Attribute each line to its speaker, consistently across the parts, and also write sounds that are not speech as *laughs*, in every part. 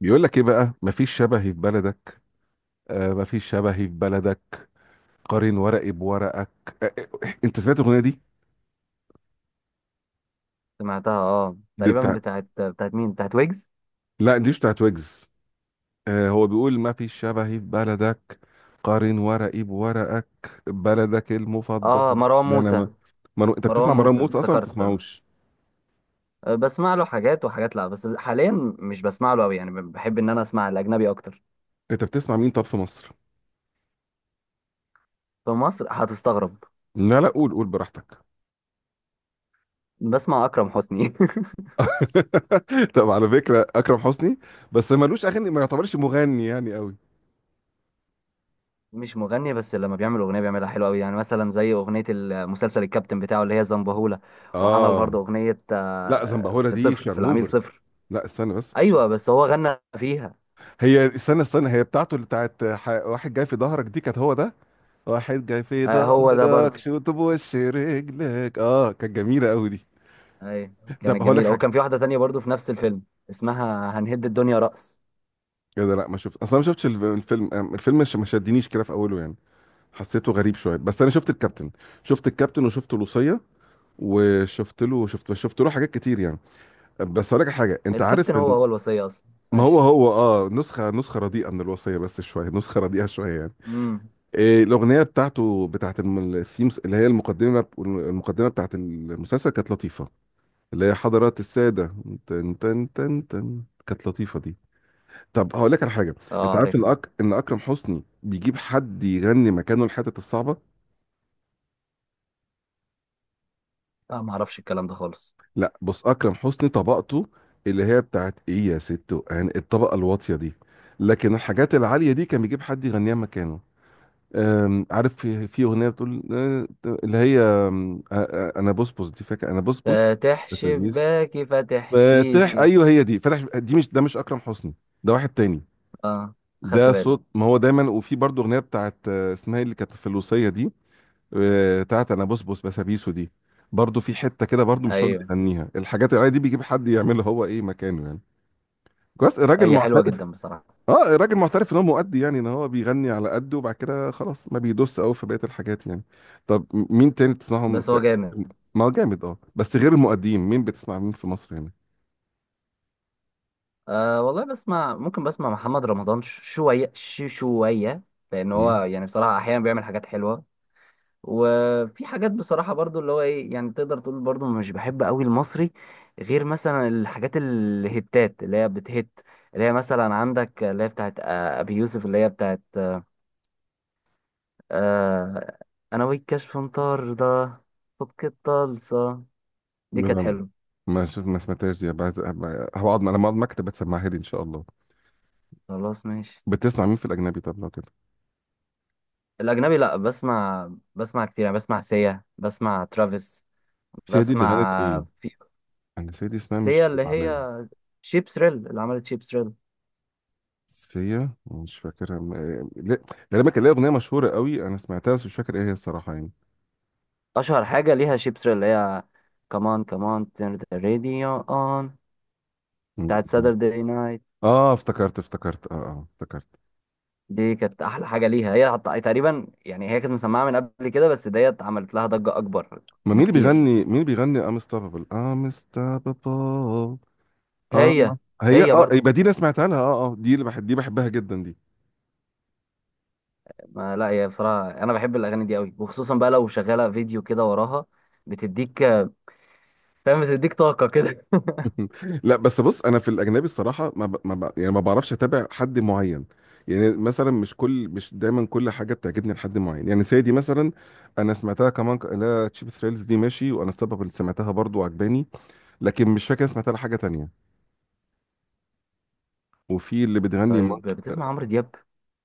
Speaker 1: بيقول لك ايه بقى؟ مفيش شبهي في بلدك. آه، مفيش شبهي في بلدك. قارن ورقي بورقك. آه. آه، انت سمعت الاغنيه دي؟
Speaker 2: سمعتها، اه،
Speaker 1: دي
Speaker 2: تقريبا
Speaker 1: بتاع
Speaker 2: بتاعت مين؟ بتاعت ويجز.
Speaker 1: لا، دي مش بتاعت ويجز. آه، هو بيقول مفيش شبهي في بلدك. قارن ورقي بورقك. بلدك
Speaker 2: اه،
Speaker 1: المفضله.
Speaker 2: مروان
Speaker 1: ما انا
Speaker 2: موسى.
Speaker 1: ما, انت بتسمع
Speaker 2: مروان
Speaker 1: مروان
Speaker 2: موسى
Speaker 1: موسى اصلا؟ ما
Speaker 2: افتكرت.
Speaker 1: بتسمعوش.
Speaker 2: آه، بسمع له حاجات وحاجات. لا، بس حاليا مش بسمع له قوي، يعني بحب ان انا اسمع الاجنبي اكتر.
Speaker 1: انت بتسمع مين طب في مصر؟
Speaker 2: في مصر هتستغرب.
Speaker 1: لا لا، قول قول براحتك.
Speaker 2: بسمع اكرم حسني *laughs*
Speaker 1: *laughs* طب على فكره، اكرم حسني بس ملوش اغاني، ما يعتبرش مغني يعني قوي.
Speaker 2: مش مغني، بس لما بيعمل اغنيه بيعملها حلوه قوي، يعني مثلا زي اغنيه المسلسل الكابتن بتاعه اللي هي زنبهولة. وعمل برضه
Speaker 1: اه.
Speaker 2: اغنيه،
Speaker 1: لا،
Speaker 2: آه،
Speaker 1: زنبهورة دي
Speaker 2: في العميل
Speaker 1: شارموفرز.
Speaker 2: صفر.
Speaker 1: لا استنى بس.
Speaker 2: ايوه بس هو غنى فيها.
Speaker 1: استنى استنى، هي بتاعته، اللي بتاعت واحد جاي في ظهرك دي، كانت هو ده. واحد جاي في
Speaker 2: آه، هو ده
Speaker 1: ظهرك
Speaker 2: برضه.
Speaker 1: شوت بوش رجلك، اه كانت جميلة قوي دي.
Speaker 2: اي.
Speaker 1: ده
Speaker 2: كانت
Speaker 1: هقول لك
Speaker 2: جميله،
Speaker 1: حاجة.
Speaker 2: وكان في واحده تانية برضو في نفس الفيلم. اسمها هنهد الدنيا رأس.
Speaker 1: ايه ده؟ لا ما شفت، اصلا ما شفتش الفيلم، الفيلم ما شدنيش كده في اوله يعني. حسيته غريب شويه، بس انا شفت الكابتن. شفت الكابتن وشفت لوسية. وشفت له، شفت له حاجات كتير يعني. بس هقول لك حاجه، انت
Speaker 2: الكابتن
Speaker 1: عارف
Speaker 2: هو
Speaker 1: ان
Speaker 2: هو الوصيه اصلا، بس
Speaker 1: ما هو
Speaker 2: ماشي.
Speaker 1: هو نسخه رديئه من الوصيه، بس شويه نسخه رديئه شويه يعني.
Speaker 2: امم.
Speaker 1: إيه، الأغنية بتاعته الثيمز اللي هي المقدمة بتاعت المسلسل كانت لطيفة. اللي هي حضرات السادة. تن تن تن تن، كانت لطيفة دي. طب هقول لك على حاجة. أنت
Speaker 2: اه،
Speaker 1: عارف إن
Speaker 2: عارفها.
Speaker 1: إن أكرم حسني بيجيب حد يغني مكانه الحتت الصعبة؟
Speaker 2: لا، ما اعرفش الكلام ده خالص.
Speaker 1: لا بص، أكرم حسني طبقته اللي هي بتاعت إيه يا ست، وأنا الطبقة الواطية دي. لكن الحاجات العالية دي كان بيجيب حد يغنيها مكانه. عارف في اغنيه بتقول اللي هي انا بصبص، دي فاكر؟ انا بصبص
Speaker 2: فاتح
Speaker 1: اتوبيس
Speaker 2: شباكي فاتح
Speaker 1: فاتح،
Speaker 2: شيشي.
Speaker 1: ايوه هي دي. فتح. دي مش ده، مش اكرم حسني، ده واحد تاني.
Speaker 2: اه، خدت
Speaker 1: ده
Speaker 2: بالي.
Speaker 1: صوت، ما هو دايما. وفي برضه اغنيه بتاعت اسمها إيه اللي كانت في الوصيه دي؟ بتاعت انا بصبص بسابيسو دي. برضه في حته كده برضه مش هو اللي
Speaker 2: ايوه.
Speaker 1: بيغنيها، الحاجات العاديه دي بيجيب حد يعملها هو، ايه مكانه يعني. كويس، الراجل
Speaker 2: هي حلوه
Speaker 1: معترف.
Speaker 2: جدا بصراحه.
Speaker 1: اه، راجل معترف ان هو مؤدي يعني، ان هو بيغني على قده، وبعد كده خلاص ما بيدوس قوي في بقيه الحاجات يعني. طب، مين تاني بتسمعهم؟
Speaker 2: بس هو جامد.
Speaker 1: ما هو جامد اه، بس غير المؤديين مين بتسمع، مين في مصر هنا؟
Speaker 2: آه والله، بسمع، ممكن بسمع محمد رمضان شويه شويه، لان هو
Speaker 1: مم.
Speaker 2: يعني بصراحه احيانا بيعمل حاجات حلوه. وفي حاجات بصراحة برضو اللي هو ايه يعني، تقدر تقول برضو مش بحب قوي المصري، غير مثلا الحاجات الهتات اللي هي بتهت. اللي هي مثلا عندك اللي هي بتاعت، آه، ابي يوسف، اللي هي بتاعت، آه، انا والكشف مطار ده، فك الطلسة. دي كانت
Speaker 1: لا،
Speaker 2: حلوة.
Speaker 1: ما شفت، ما سمعتهاش دي. هقعد لما اقعد مكتب بتسمعها لي ان شاء الله.
Speaker 2: خلاص، ماشي.
Speaker 1: بتسمع مين في الاجنبي طب لو كده؟
Speaker 2: الاجنبي، لا بسمع كتير، يعني بسمع سيا، بسمع ترافيس،
Speaker 1: سيدي اللي
Speaker 2: بسمع
Speaker 1: غنت ايه؟
Speaker 2: في.
Speaker 1: انا سيدي اسمها مش
Speaker 2: سيا اللي
Speaker 1: غريب
Speaker 2: هي
Speaker 1: عليا.
Speaker 2: شيب ثريل، اللي عملت شيب ثريل.
Speaker 1: سيا مش فاكرها لا، غالبا كان ليها اغنيه مشهوره قوي، انا سمعتها بس مش فاكر ايه هي الصراحه.
Speaker 2: اشهر حاجه ليها شيبس اللي هي كمان كمان turn the radio on، بتاعت
Speaker 1: يعني.
Speaker 2: Saturday night.
Speaker 1: اه افتكرت، افتكرت، اه افتكرت.
Speaker 2: دي كانت احلى حاجه ليها، هي تقريبا يعني هي كانت مسمعه من قبل كده، بس ديت عملت لها ضجه اكبر
Speaker 1: ما مين اللي
Speaker 2: بكتير.
Speaker 1: بيغني، مين اللي بيغني انستابابل انستابابل؟ اه.
Speaker 2: هي.
Speaker 1: هي اه
Speaker 2: هي
Speaker 1: ايوه،
Speaker 2: برضو.
Speaker 1: يبقى دي انا سمعتها لها، اه اه دي اللي بحب، دي بحبها جدا دي.
Speaker 2: ما لا، هي بصراحه انا بحب الاغاني دي قوي، وخصوصا بقى لو شغاله فيديو كده وراها بتديك. *laughs* فاهم، بتديك طاقه كده.
Speaker 1: *laughs* لا بس بص، انا في الاجنبي الصراحه ما ب... ما ب... يعني ما بعرفش اتابع حد معين. يعني مثلا، مش دايما كل حاجه بتعجبني لحد معين، يعني سيدي مثلا انا سمعتها كمان، لا تشيب ثريلز دي ماشي، وانا السبب اللي سمعتها برضو عجباني. لكن مش فاكر سمعتها لحاجه تانية. وفي اللي بتغني
Speaker 2: طيب،
Speaker 1: مونكي
Speaker 2: بتسمع
Speaker 1: اه.
Speaker 2: عمرو دياب؟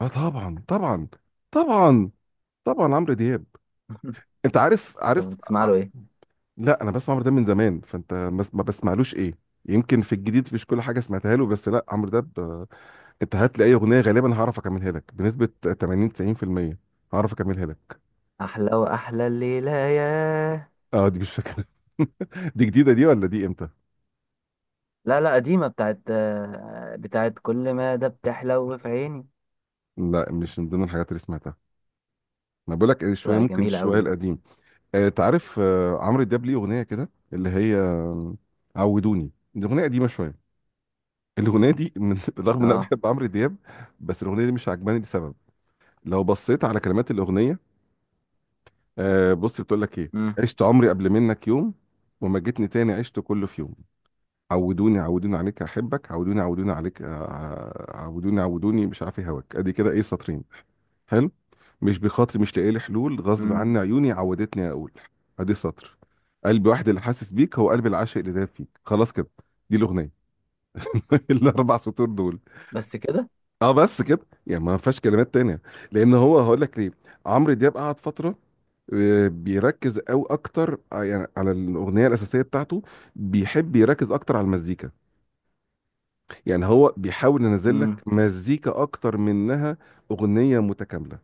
Speaker 1: طبعا طبعا. طبعا طبعا عمرو دياب.
Speaker 2: *laughs*
Speaker 1: انت عارف،
Speaker 2: طب بتسمع له ايه؟
Speaker 1: لا انا بسمع عمرو دياب من زمان، فانت ما بسمعلوش ايه؟ يمكن في الجديد مش كل حاجه سمعتها له، بس لا عمرو دياب انت هات لي اي اغنيه غالبا هعرف اكملها لك بنسبه 80 90%، هعرف اكملها لك.
Speaker 2: احلى واحلى الليله ياه.
Speaker 1: اه دي مش فاكره. *laughs* دي جديده دي ولا دي امتى؟
Speaker 2: لا لا، قديمة، بتاعت كل ما ده بتحلو في عيني.
Speaker 1: لا، مش من ضمن الحاجات اللي سمعتها. ما بقول لك شويه،
Speaker 2: لا،
Speaker 1: ممكن
Speaker 2: جميلة
Speaker 1: شويه
Speaker 2: أوي.
Speaker 1: القديم. تعرف عمرو دياب ليه اغنيه كده، اللي هي عودوني، دي اغنيه قديمه شويه. الاغنيه دي من *laughs* رغم ان انا
Speaker 2: اه.
Speaker 1: بحب عمرو دياب، بس الاغنيه دي مش عجباني لسبب. لو بصيت على كلمات الاغنيه، بص بتقول لك ايه.
Speaker 2: مم.
Speaker 1: عشت عمري قبل منك يوم، وما جيتني تاني عشت كله في يوم. عودوني عودوني عليك احبك، عودوني عودوني عليك. عودوني عودوني، مش عارف إيه هواك. ادي كده ايه، سطرين. حلو. مش بخاطري مش لاقي لي حلول، غصب
Speaker 2: مم.
Speaker 1: عني عيوني عودتني اقول. ادي سطر. قلبي واحد اللي حاسس بيك، هو قلب العاشق اللي داب فيك. خلاص كده، دي الاغنيه. *laughs* الاربع سطور دول.
Speaker 2: بس كده.
Speaker 1: اه بس كده. يعني ما فيهاش كلمات تانية. لان هو هقول لك ليه. عمرو دياب قعد فتره بيركز او اكتر يعني على الاغنيه الاساسيه بتاعته، بيحب يركز اكتر على المزيكا. يعني هو بيحاول ينزل
Speaker 2: مم.
Speaker 1: لك مزيكا اكتر منها، اغنيه متكامله.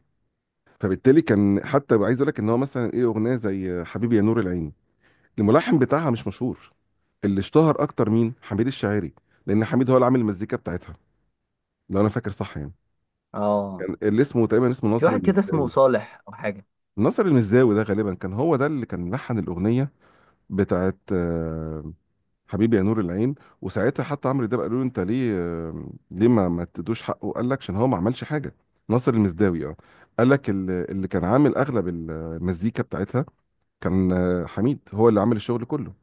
Speaker 1: فبالتالي كان حتى عايز اقول لك ان هو مثلا ايه، اغنيه زي حبيبي يا نور العين، الملحن بتاعها مش مشهور. اللي اشتهر اكتر مين؟ حميد الشاعري. لان حميد هو اللي عامل المزيكا بتاعتها، لو انا فاكر صح يعني.
Speaker 2: اه.
Speaker 1: كان اللي اسمه تقريبا
Speaker 2: في
Speaker 1: ناصر
Speaker 2: واحد كده اسمه
Speaker 1: المساوي.
Speaker 2: صالح أو حاجة.
Speaker 1: ناصر المسداوي ده غالبا كان هو ده اللي كان لحن الاغنيه بتاعت حبيبي يا نور العين. وساعتها حتى عمرو ده قالوا له انت ليه ليه ما تدوش حقه؟ قال لك عشان هو ما عملش حاجه. ناصر المسداوي اه. قال لك اللي كان عامل اغلب المزيكا بتاعتها كان حميد هو اللي عامل الشغل كله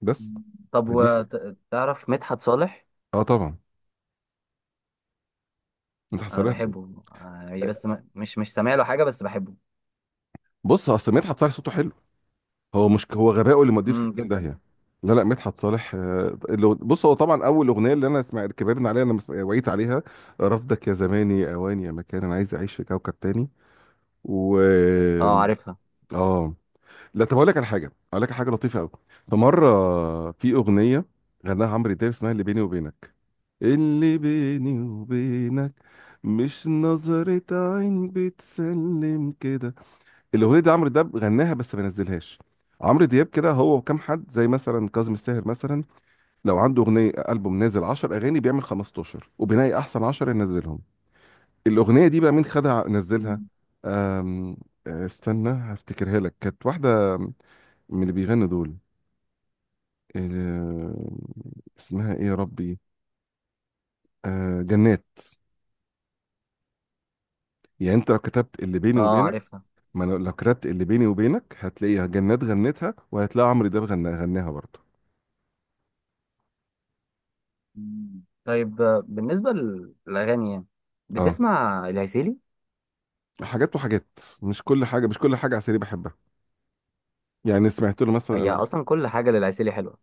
Speaker 1: بس.
Speaker 2: مم. طب،
Speaker 1: فدي
Speaker 2: وتعرف مدحت صالح؟
Speaker 1: اه، طبعا مدحت
Speaker 2: أنا
Speaker 1: صالح.
Speaker 2: بحبه، آه، بس مش سامع له حاجة، بس بحبه.
Speaker 1: بص اصل مدحت صالح صوته حلو. هو مش هو غرقه اللي مضيه في
Speaker 2: مم.
Speaker 1: 60
Speaker 2: جدا.
Speaker 1: داهيه. لا لا، مدحت صالح بص هو طبعا اول اغنيه اللي انا سمعت، كبرنا عليها انا وعيت عليها. رفضك يا زماني اوان، يا مكان انا عايز اعيش في كوكب تاني. و
Speaker 2: اه،
Speaker 1: اه.
Speaker 2: عارفها.
Speaker 1: آه. لا طب اقول لك على حاجه، اقول لك على حاجه لطيفه قوي. فمره في اغنيه غناها عمرو دياب اسمها اللي بيني وبينك. اللي بيني وبينك مش نظرة عين بتسلم كده. الاغنيه دي عمرو دياب غناها بس ما نزلهاش. عمرو دياب كده هو وكام حد زي مثلا كاظم الساهر مثلا، لو عنده اغنيه البوم نازل 10 اغاني، بيعمل 15 وبينقي احسن 10 ينزلهم. الاغنيه دي بقى مين خدها نزلها؟
Speaker 2: مم.
Speaker 1: أم... استنى هفتكرها لك، كانت واحده من اللي بيغنوا دول. أم، اسمها ايه يا ربي؟ أه جنات. يعني انت لو كتبت اللي بيني
Speaker 2: اه،
Speaker 1: وبينك،
Speaker 2: عارفها.
Speaker 1: ما أنا لو كتبت اللي بيني وبينك هتلاقيها جنات غنتها، وهتلاقي عمرو دياب غناها، غناها برضه.
Speaker 2: مم. طيب، آه، بالنسبة للأغاني، يعني
Speaker 1: اه،
Speaker 2: بتسمع العسيلي؟
Speaker 1: حاجات وحاجات. مش كل حاجه، مش كل حاجه عسيري بحبها. يعني سمعت له مثلا.
Speaker 2: هي
Speaker 1: انا مش،
Speaker 2: أصلا كل حاجة للعسيلي حلوة.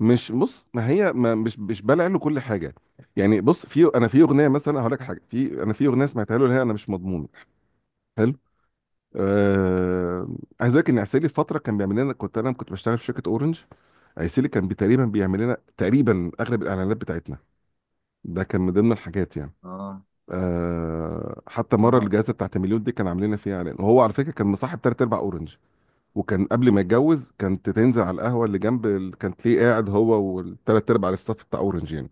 Speaker 1: مش بص، ما هي ما مش بلع له كل حاجه. يعني بص، في انا في اغنيه مثلا هقول لك حاجه، في اغنيه سمعتها له اللي هي انا مش مضمون، حلو. آه... عايز اقول لك ان عسيلي فتره كان بيعمل لنا، كنت انا بشتغل في شركه اورنج. عسيلي كان تقريبا بيعمل لنا تقريبا اغلب الاعلانات بتاعتنا، ده كان من ضمن الحاجات يعني.
Speaker 2: اه.
Speaker 1: حتى مره
Speaker 2: اها.
Speaker 1: الجائزه بتاعت مليون دي كان عاملين لنا فيها اعلان، وهو على فكره كان مصاحب ثلاث ارباع اورنج. وكان قبل ما يتجوز كانت تنزل على القهوه اللي جنب كانت ليه قاعد هو والثلاث ارباع على الصف بتاع اورنج يعني.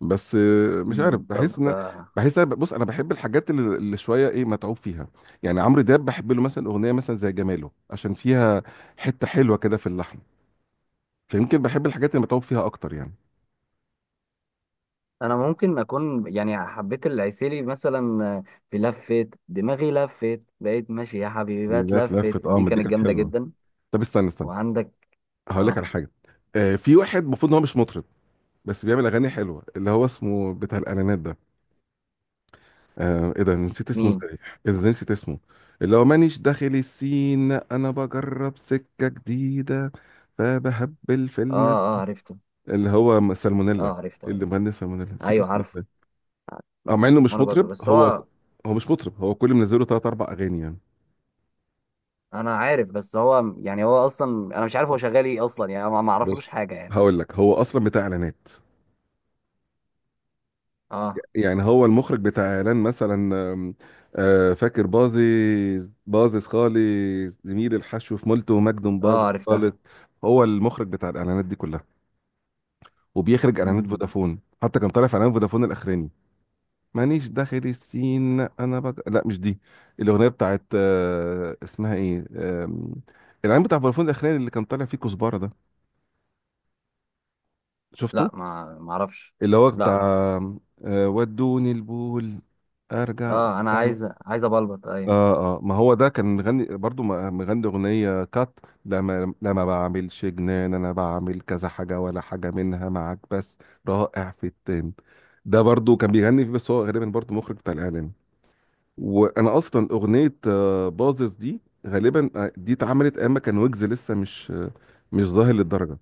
Speaker 1: بس مش عارف،
Speaker 2: مم، طب،
Speaker 1: بحس ان
Speaker 2: آه،
Speaker 1: بحس انا، بص انا بحب الحاجات اللي شويه ايه متعوب فيها. يعني عمرو دياب بحب له مثلا اغنيه مثلا زي جماله، عشان فيها حته حلوه كده في اللحن. فيمكن بحب الحاجات اللي متعوب فيها اكتر يعني.
Speaker 2: انا ممكن اكون يعني حبيت العسيلي، مثلا آه، في لفت دماغي لفت، بقيت ماشي يا حبيبي، بقى
Speaker 1: دي جت
Speaker 2: اتلفت.
Speaker 1: لفت، اه
Speaker 2: دي
Speaker 1: ما دي
Speaker 2: كانت
Speaker 1: كانت
Speaker 2: جامده
Speaker 1: حلوه.
Speaker 2: جدا.
Speaker 1: طب استنى استنى،
Speaker 2: وعندك.
Speaker 1: هقول لك
Speaker 2: اه.
Speaker 1: على حاجه. في واحد المفروض ان هو مش مطرب بس بيعمل اغاني حلوه، اللي هو اسمه بتاع الاعلانات ده. آه ايه ده، نسيت اسمه
Speaker 2: مين؟
Speaker 1: ازاي؟ ايه ده، ازاي نسيت اسمه؟ اللي هو مانيش داخل السين، انا بجرب سكة جديدة، فبهبل في
Speaker 2: اه،
Speaker 1: المد.
Speaker 2: اه، عرفته.
Speaker 1: اللي هو سالمونيلا.
Speaker 2: اه، عرفته،
Speaker 1: إيه اللي
Speaker 2: عرفته.
Speaker 1: مغني سالمونيلا؟ نسيت
Speaker 2: ايوه،
Speaker 1: اسمه
Speaker 2: عارفه.
Speaker 1: ازاي. اه، مع انه مش
Speaker 2: وانا برضه،
Speaker 1: مطرب
Speaker 2: بس
Speaker 1: هو.
Speaker 2: هو.
Speaker 1: هو مش مطرب، هو كل منزله تلات اربع اغاني يعني.
Speaker 2: انا عارف، بس هو يعني هو اصلا انا مش عارف هو شغال ايه اصلا، يعني أنا ما اعرفلوش
Speaker 1: بص
Speaker 2: حاجه يعني.
Speaker 1: هقول لك، هو اصلا بتاع اعلانات.
Speaker 2: اه.
Speaker 1: يعني هو المخرج بتاع اعلان مثلا، فاكر بازز خالص، زميل الحشو في مولتو مجد، باظظ
Speaker 2: اه، عرفتها.
Speaker 1: خالص. هو المخرج بتاع الاعلانات دي كلها، وبيخرج اعلانات
Speaker 2: مم.
Speaker 1: فودافون، حتى كان طالع في اعلان فودافون الاخراني. مانيش داخل السين انا لا مش دي. الاغنيه بتاعت اسمها ايه الاعلان بتاع فودافون الاخراني اللي كان طالع فيه كزبره ده، شفته؟
Speaker 2: لا، ما اعرفش.
Speaker 1: اللي هو
Speaker 2: لا
Speaker 1: بتاع
Speaker 2: لا.
Speaker 1: ودوني البول، ارجع.
Speaker 2: اه، انا عايز ابلبط. ايوه.
Speaker 1: اه اه، ما هو ده كان مغني برضو، مغني اغنيه كات، لما بعملش جنان، انا بعمل كذا حاجه ولا حاجه منها معاك بس، رائع في التين. ده برضو كان بيغني فيه، بس هو غالبا برضو مخرج بتاع الاعلام. وانا اصلا اغنيه باظظ دي غالبا، دي اتعملت اما كان ويجز لسه مش مش ظاهر للدرجه.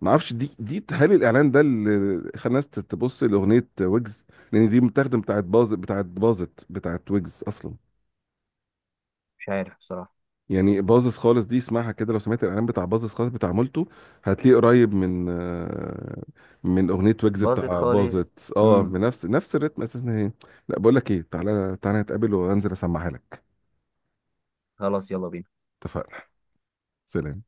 Speaker 1: ما اعرفش، دي هل الاعلان ده اللي خلى الناس تبص لاغنيه ويجز؟ لان دي متاخده بتاعت باظت بتاعت ويجز اصلا.
Speaker 2: مش عارف بصراحه.
Speaker 1: يعني باظظ خالص دي اسمعها كده، لو سمعت الاعلان بتاع باظظ خالص بتاع مولتو، هتلاقيه قريب من من اغنيه ويجز
Speaker 2: باظت
Speaker 1: بتاع
Speaker 2: خالص.
Speaker 1: باظت اه،
Speaker 2: امم.
Speaker 1: نفس الريتم اساسا هي. لا بقول لك ايه، تعالى تعالى نتقابل وانزل اسمعها لك.
Speaker 2: خلاص، يلا بينا.
Speaker 1: اتفقنا. سلام.